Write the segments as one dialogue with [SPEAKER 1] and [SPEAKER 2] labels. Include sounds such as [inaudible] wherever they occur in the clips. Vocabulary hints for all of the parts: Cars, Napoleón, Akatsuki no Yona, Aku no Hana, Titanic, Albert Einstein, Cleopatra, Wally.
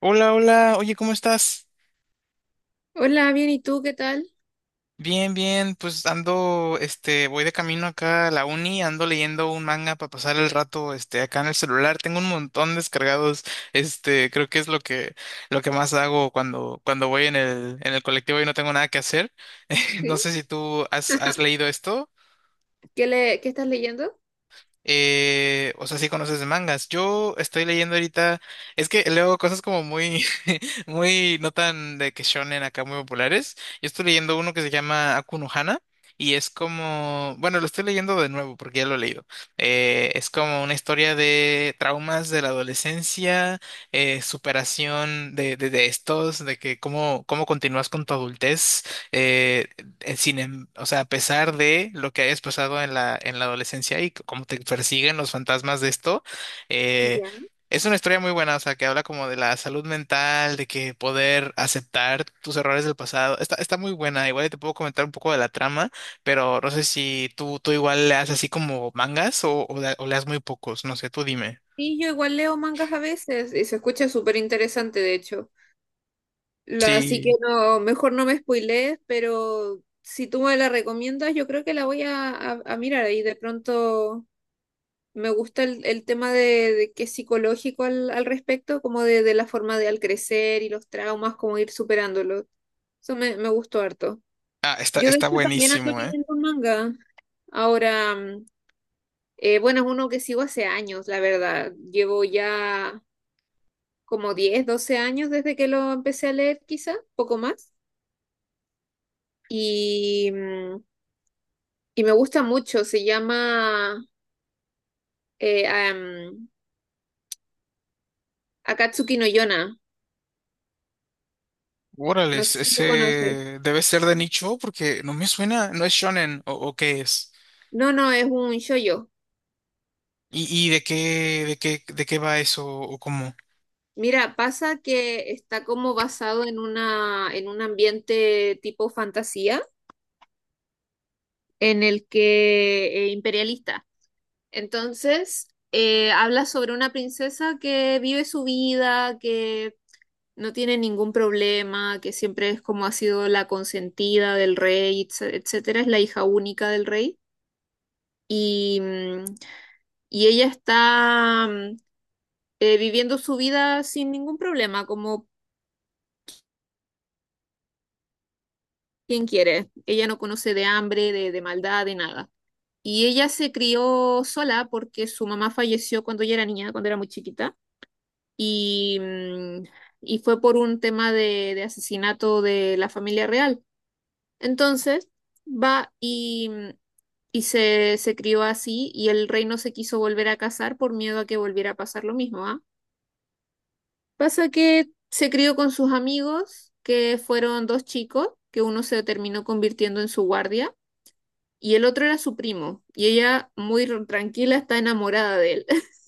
[SPEAKER 1] Hola, hola, oye, ¿cómo estás?
[SPEAKER 2] Hola, bien, ¿y tú qué tal?
[SPEAKER 1] Bien, bien, pues ando, voy de camino acá a la uni, ando leyendo un manga para pasar el rato, acá en el celular, tengo un montón descargados, creo que es lo que más hago cuando voy en en el colectivo y no tengo nada que hacer. [laughs] No
[SPEAKER 2] ¿Sí?
[SPEAKER 1] sé si has leído esto.
[SPEAKER 2] ¿Qué estás leyendo?
[SPEAKER 1] O sea, sí conoces de mangas. Yo estoy leyendo ahorita, es que leo cosas como muy, [laughs] muy, no tan de que shonen acá muy populares. Yo estoy leyendo uno que se llama Aku no Hana y es como, bueno, lo estoy leyendo de nuevo porque ya lo he leído. Es como una historia de traumas de la adolescencia, superación de estos, de que cómo continúas con tu adultez, eh, sin, o sea, a pesar de lo que hayas pasado en en la adolescencia y cómo te persiguen los fantasmas de esto, eh,
[SPEAKER 2] Ya.
[SPEAKER 1] es una historia muy buena, o sea, que habla como de la salud mental, de que poder aceptar tus errores del pasado. Está muy buena, igual y te puedo comentar un poco de la trama, pero no sé si tú igual leas así como mangas o leas muy pocos, no sé, tú dime.
[SPEAKER 2] Sí, yo igual leo mangas a veces y se escucha súper interesante, de hecho. Así que
[SPEAKER 1] Sí.
[SPEAKER 2] no, mejor no me spoilees, pero si tú me la recomiendas, yo creo que la voy a mirar ahí. De pronto me gusta el tema de que es psicológico al respecto, como de la forma de al crecer y los traumas, como ir superándolos. Eso me gustó harto.
[SPEAKER 1] Ah,
[SPEAKER 2] Yo de
[SPEAKER 1] está
[SPEAKER 2] hecho también ando
[SPEAKER 1] buenísimo, ¿eh?
[SPEAKER 2] leyendo un manga ahora. Bueno, es uno que sigo hace años, la verdad. Llevo ya como 10 12 años desde que lo empecé a leer, quizá, poco más. Y, mm, y me gusta mucho. Se llama eh, am, Akatsuki no Yona.
[SPEAKER 1] Órale,
[SPEAKER 2] No sé si lo conoces.
[SPEAKER 1] ese debe ser de nicho porque no me suena, no es shonen o qué es.
[SPEAKER 2] No, no, es un shoujo.
[SPEAKER 1] ¿Y de qué va eso o cómo?
[SPEAKER 2] Mira, pasa que está como basado en un ambiente tipo fantasía, en el que imperialista. Entonces, habla sobre una princesa que vive su vida, que no tiene ningún problema, que siempre es como ha sido la consentida del rey, etcétera, es la hija única del rey. Y, mm, y ella está viviendo su vida sin ningún problema, como quien quiere. Ella no conoce de hambre, de, maldad, de nada. Y ella se crió sola porque su mamá falleció cuando ella era niña, cuando era muy chiquita. y, mm, y fue por un tema de asesinato de la familia real. Entonces, va y, mm, se crió así y el rey no se quiso volver a casar por miedo a que volviera a pasar lo mismo, ¿ah? Pasa que se crió con sus amigos, que fueron dos chicos, que uno se terminó convirtiendo en su guardia. Y el otro era su primo, y ella muy tranquila está enamorada de él. [laughs]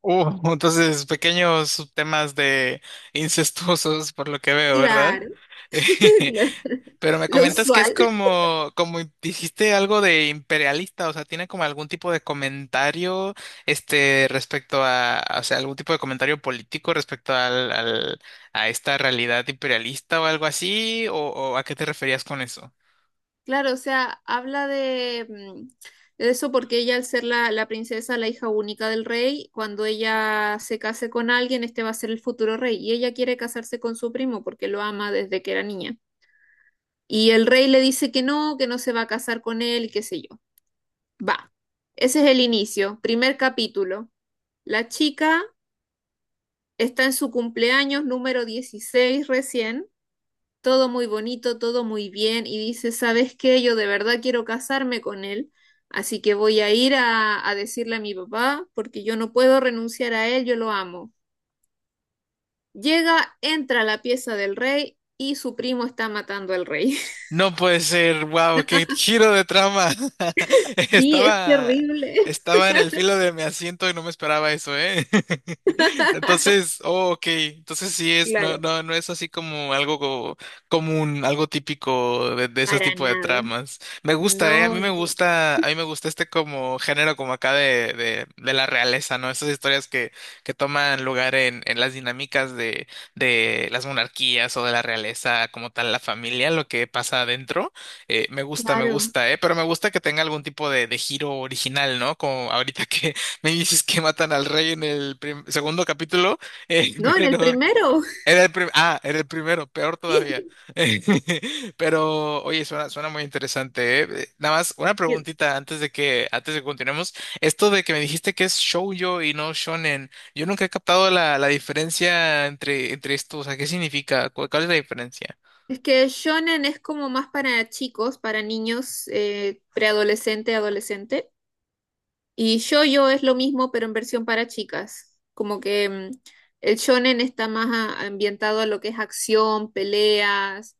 [SPEAKER 1] [laughs] Entonces, pequeños temas de incestuosos por lo que veo, ¿verdad?
[SPEAKER 2] Claro, [laughs]
[SPEAKER 1] [laughs]
[SPEAKER 2] claro,
[SPEAKER 1] Pero me
[SPEAKER 2] lo
[SPEAKER 1] comentas que es
[SPEAKER 2] usual.
[SPEAKER 1] como dijiste algo de imperialista, o sea, tiene como algún tipo de comentario, respecto a, o sea, algún tipo de comentario político respecto a esta realidad imperialista o algo así, o ¿a qué te referías con eso?
[SPEAKER 2] Claro, o sea, habla de eso porque ella al ser la princesa, la hija única del rey, cuando ella se case con alguien, este va a ser el futuro rey y ella quiere casarse con su primo porque lo ama desde que era niña. Y el rey le dice que no se va a casar con él y qué sé yo. Va. Ese es el inicio, primer capítulo. La chica está en su cumpleaños número 16 recién, todo muy bonito, todo muy bien, y dice, ¿sabes qué? Yo de verdad quiero casarme con él, así que voy a ir a decirle a mi papá, porque yo no puedo renunciar a él, yo lo amo. Llega, entra a la pieza del rey y su primo está matando al rey. [laughs]
[SPEAKER 1] No puede ser, wow, qué giro de trama. [laughs]
[SPEAKER 2] Sí, es
[SPEAKER 1] Estaba,
[SPEAKER 2] terrible.
[SPEAKER 1] Estaba en el filo de mi asiento y no me esperaba eso, ¿eh? [laughs] Entonces, oh, ok, entonces sí es, no,
[SPEAKER 2] Claro,
[SPEAKER 1] no, no es así como algo común, algo típico de ese
[SPEAKER 2] para
[SPEAKER 1] tipo de
[SPEAKER 2] nada.
[SPEAKER 1] tramas. Me gusta, ¿eh? A mí
[SPEAKER 2] No,
[SPEAKER 1] me
[SPEAKER 2] no,
[SPEAKER 1] gusta, a mí me gusta este como género como acá de la realeza, ¿no? Esas historias que toman lugar en las dinámicas de las monarquías o de la realeza como tal, la familia, lo que pasa adentro. Me gusta, me
[SPEAKER 2] claro.
[SPEAKER 1] gusta, ¿eh? Pero me gusta que tenga algún tipo de giro original, ¿no? Como ahorita que [laughs] me dices que matan al rey en el segundo capítulo, [laughs]
[SPEAKER 2] No, en el
[SPEAKER 1] pero...
[SPEAKER 2] primero.
[SPEAKER 1] Era el ah, era el primero, peor todavía.
[SPEAKER 2] [laughs]
[SPEAKER 1] [laughs] Pero, oye, suena, suena muy interesante, ¿eh? Nada más, una
[SPEAKER 2] Sí.
[SPEAKER 1] preguntita antes de antes de que continuemos. Esto de que me dijiste que es shoujo y no shonen, yo nunca he captado la diferencia entre esto, o sea, ¿qué significa? Cuál es la diferencia?
[SPEAKER 2] Es que shonen es como más para chicos, para niños, preadolescente, adolescente. Y shoujo es lo mismo, pero en versión para chicas. Como que el shonen está más ambientado a lo que es acción, peleas,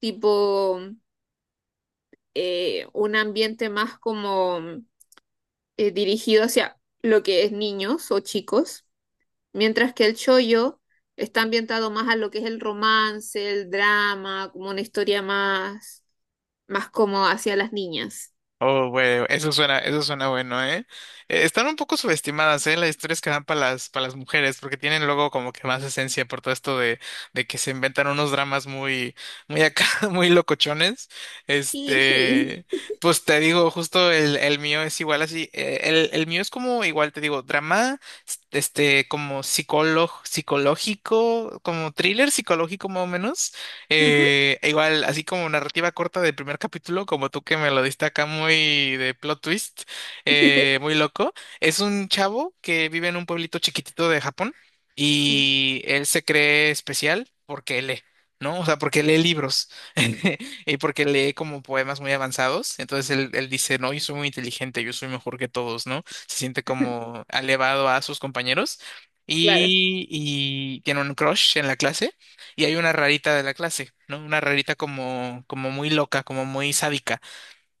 [SPEAKER 2] tipo un ambiente más como dirigido hacia lo que es niños o chicos, mientras que el shoujo está ambientado más a lo que es el romance, el drama, como una historia más como hacia las niñas.
[SPEAKER 1] Oh, güey, eso suena bueno, ¿eh? Están un poco subestimadas, ¿eh? Las historias que dan para para las mujeres, porque tienen luego como que más esencia por todo esto de que se inventan unos dramas muy, muy acá, [laughs] muy locochones.
[SPEAKER 2] Y sí.
[SPEAKER 1] Este, pues te digo, justo el mío es igual así. El mío es como igual, te digo, drama, como psicólogo, psicológico, como thriller psicológico más o menos
[SPEAKER 2] Ujú.
[SPEAKER 1] e igual, así como narrativa corta del primer capítulo, como tú que me lo diste acá muy de plot twist,
[SPEAKER 2] [laughs]
[SPEAKER 1] muy loco, es un chavo que vive en un pueblito chiquitito de Japón y él se cree especial porque lee. ¿No? O sea, porque lee libros [laughs] y porque lee como poemas muy avanzados. Entonces él dice, no, yo soy muy inteligente, yo soy mejor que todos, ¿no? Se siente como elevado a sus compañeros
[SPEAKER 2] Claro.
[SPEAKER 1] y tiene un crush en la clase y hay una rarita de la clase, ¿no? Una rarita como, como muy loca, como muy sádica.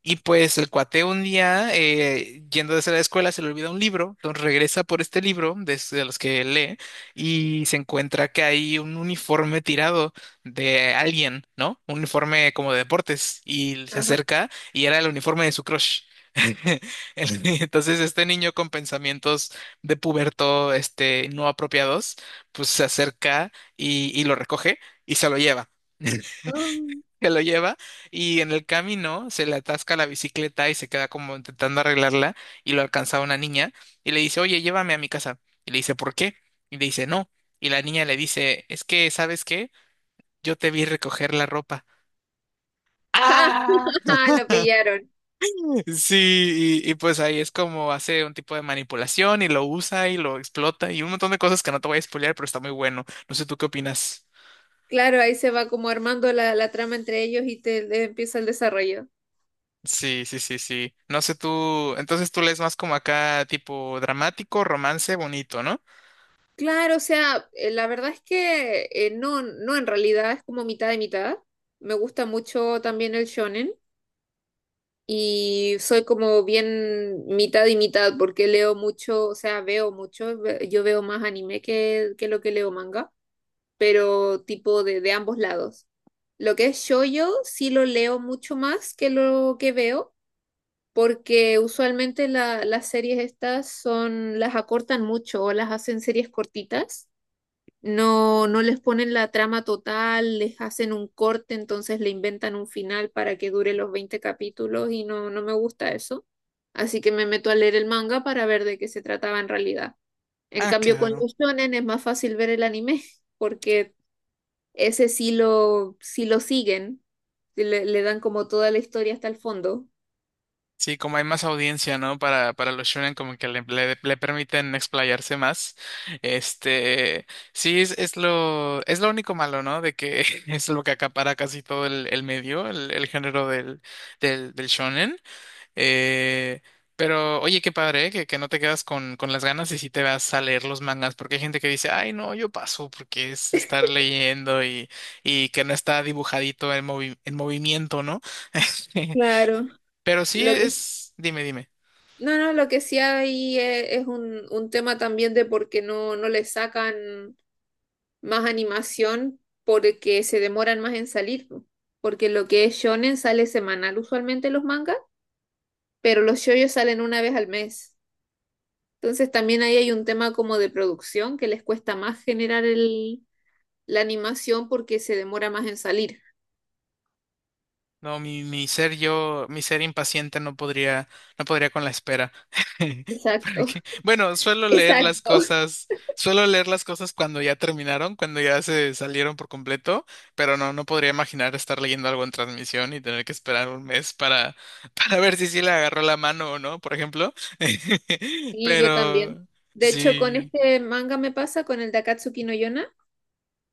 [SPEAKER 1] Y pues el cuate un día, yendo desde la escuela, se le olvida un libro, entonces regresa por este libro, desde los que lee, y se encuentra que hay un uniforme tirado de alguien, ¿no? Un uniforme como de deportes, y se
[SPEAKER 2] Ajá.
[SPEAKER 1] acerca y era el uniforme de su crush. [laughs] Entonces, este niño con pensamientos de puberto, no apropiados, pues se acerca y lo recoge y se lo lleva. [laughs]
[SPEAKER 2] Um,
[SPEAKER 1] Se lo lleva y en el camino se le atasca la bicicleta y se queda como intentando arreglarla y lo alcanza una niña y le dice, oye, llévame a mi casa. Y le dice, ¿por qué? Y le dice, no. Y la niña le dice, es que, ¿sabes qué? Yo te vi recoger la ropa. ¡Ah!
[SPEAKER 2] [laughs] Lo pillaron.
[SPEAKER 1] Sí, y pues ahí es como hace un tipo de manipulación y lo usa y lo explota y un montón de cosas que no te voy a spoilear, pero está muy bueno. No sé tú qué opinas.
[SPEAKER 2] Claro, ahí se va como armando la trama entre ellos y te empieza el desarrollo.
[SPEAKER 1] Sí, sí, sí, sí. No sé tú, entonces tú lees más como acá tipo dramático, romance, bonito, ¿no?
[SPEAKER 2] Claro, o sea, la verdad es que no, no en realidad, es como mitad de mitad. Me gusta mucho también el shonen y soy como bien mitad y mitad porque leo mucho, o sea, veo mucho, yo veo más anime que lo que leo manga, pero tipo de ambos lados. Lo que es shoujo sí lo leo mucho más que lo que veo porque usualmente las series estas son, las acortan mucho o las hacen series cortitas. No, no les ponen la trama total, les hacen un corte, entonces le inventan un final para que dure los 20 capítulos y no, no me gusta eso. Así que me meto a leer el manga para ver de qué se trataba en realidad. En
[SPEAKER 1] Ah,
[SPEAKER 2] cambio, con
[SPEAKER 1] claro.
[SPEAKER 2] los shonen es más fácil ver el anime, porque ese sí lo siguen, le dan como toda la historia hasta el fondo.
[SPEAKER 1] Sí, como hay más audiencia, ¿no? Para los shonen, como que le permiten explayarse más. Este, sí, es es lo único malo, ¿no? De que [laughs] es lo que acapara casi todo el medio, el género del shonen. Eh, pero, oye, qué padre, ¿eh? Que no te quedas con las ganas y si te vas a leer los mangas, porque hay gente que dice, ay, no, yo paso, porque es estar leyendo y que no está dibujadito en en movimiento, ¿no? [laughs]
[SPEAKER 2] Claro.
[SPEAKER 1] Pero sí
[SPEAKER 2] Lo que
[SPEAKER 1] es, dime, dime.
[SPEAKER 2] No, no, lo que sí hay es un tema también de por qué no, no le sacan más animación porque se demoran más en salir. Po. Porque lo que es shonen sale semanal usualmente los mangas, pero los shoyos salen una vez al mes. Entonces también ahí hay un tema como de producción que les cuesta más generar la animación porque se demora más en salir.
[SPEAKER 1] No, mi ser yo, mi ser impaciente no podría, no podría con la espera. [laughs]
[SPEAKER 2] Exacto,
[SPEAKER 1] Porque, bueno, suelo
[SPEAKER 2] [laughs]
[SPEAKER 1] leer las
[SPEAKER 2] exacto.
[SPEAKER 1] cosas, suelo leer las cosas cuando ya terminaron, cuando ya se salieron por completo, pero no, no podría imaginar estar leyendo algo en transmisión y tener que esperar un mes para, [laughs] para ver si sí le agarró la mano o no, por ejemplo. [laughs]
[SPEAKER 2] Sí, yo también.
[SPEAKER 1] Pero
[SPEAKER 2] De hecho, con
[SPEAKER 1] sí,
[SPEAKER 2] este manga me pasa, con el de Akatsuki no Yona.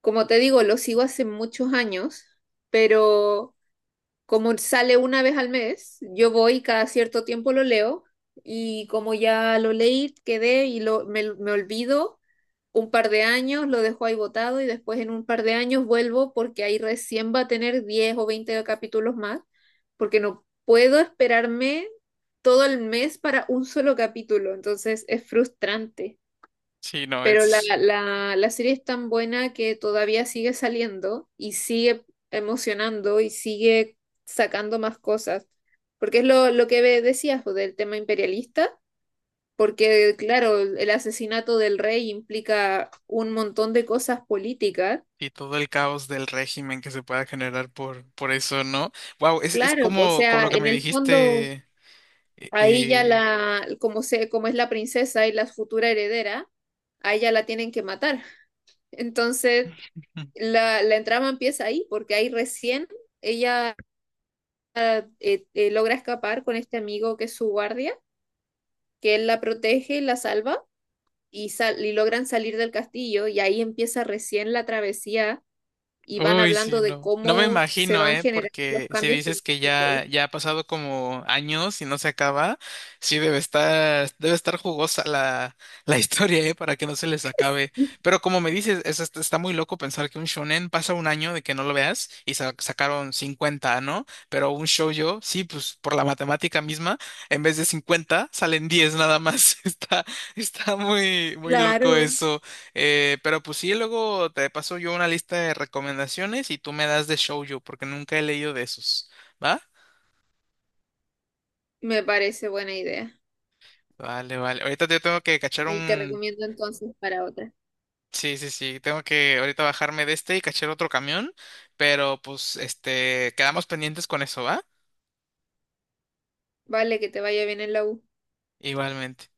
[SPEAKER 2] Como te digo, lo sigo hace muchos años, pero como sale una vez al mes, yo voy y cada cierto tiempo lo leo y como ya lo leí, quedé y me olvido un par de años, lo dejo ahí botado y después en un par de años vuelvo porque ahí recién va a tener 10 o 20 capítulos más, porque no puedo esperarme todo el mes para un solo capítulo, entonces es frustrante.
[SPEAKER 1] sí, no,
[SPEAKER 2] Pero la,
[SPEAKER 1] es.
[SPEAKER 2] la, la serie es tan buena que todavía sigue saliendo y sigue emocionando y sigue sacando más cosas. Porque es lo que decías pues, del tema imperialista, porque claro, el asesinato del rey implica un montón de cosas políticas.
[SPEAKER 1] Y todo el caos del régimen que se pueda generar por eso, ¿no? Wow, es
[SPEAKER 2] Claro, o
[SPEAKER 1] como, como
[SPEAKER 2] sea,
[SPEAKER 1] lo que
[SPEAKER 2] en
[SPEAKER 1] me
[SPEAKER 2] el fondo,
[SPEAKER 1] dijiste eh,
[SPEAKER 2] ahí ya
[SPEAKER 1] eh,
[SPEAKER 2] como es la princesa y la futura heredera, a ella la tienen que matar. Entonces, la trama empieza ahí, porque ahí recién ella logra escapar con este amigo que es su guardia, que él la protege y la salva, y logran salir del castillo, y ahí empieza recién la travesía, y van
[SPEAKER 1] uy, sí,
[SPEAKER 2] hablando de
[SPEAKER 1] no. No me
[SPEAKER 2] cómo se
[SPEAKER 1] imagino,
[SPEAKER 2] van
[SPEAKER 1] ¿eh?
[SPEAKER 2] generando
[SPEAKER 1] Porque
[SPEAKER 2] los
[SPEAKER 1] si
[SPEAKER 2] cambios
[SPEAKER 1] dices que
[SPEAKER 2] políticos.
[SPEAKER 1] ya ha pasado como años y no se acaba, sí debe estar jugosa la [laughs] historia, ¿eh? Para que no se les acabe.
[SPEAKER 2] Sí,
[SPEAKER 1] Pero como me dices, es está muy loco pensar que un shonen pasa un año de que no lo veas y sacaron 50, ¿no? Pero un shoujo, sí, pues por la matemática misma, en vez de 50, salen 10 nada más. [laughs] Está, está muy, muy loco
[SPEAKER 2] claro,
[SPEAKER 1] eso. Pero pues sí, luego te paso yo una lista de recomendaciones y tú me das de shoujo, porque nunca he leído de esos, ¿va?
[SPEAKER 2] me parece buena idea,
[SPEAKER 1] Vale, vale. Ahorita yo tengo que cachar
[SPEAKER 2] y te
[SPEAKER 1] un...
[SPEAKER 2] recomiendo entonces para otra.
[SPEAKER 1] Sí, sí, sí, tengo que ahorita bajarme de este y cachar otro camión, pero pues este, quedamos pendientes con eso, ¿va?
[SPEAKER 2] Vale, que te vaya bien en la U.
[SPEAKER 1] Igualmente.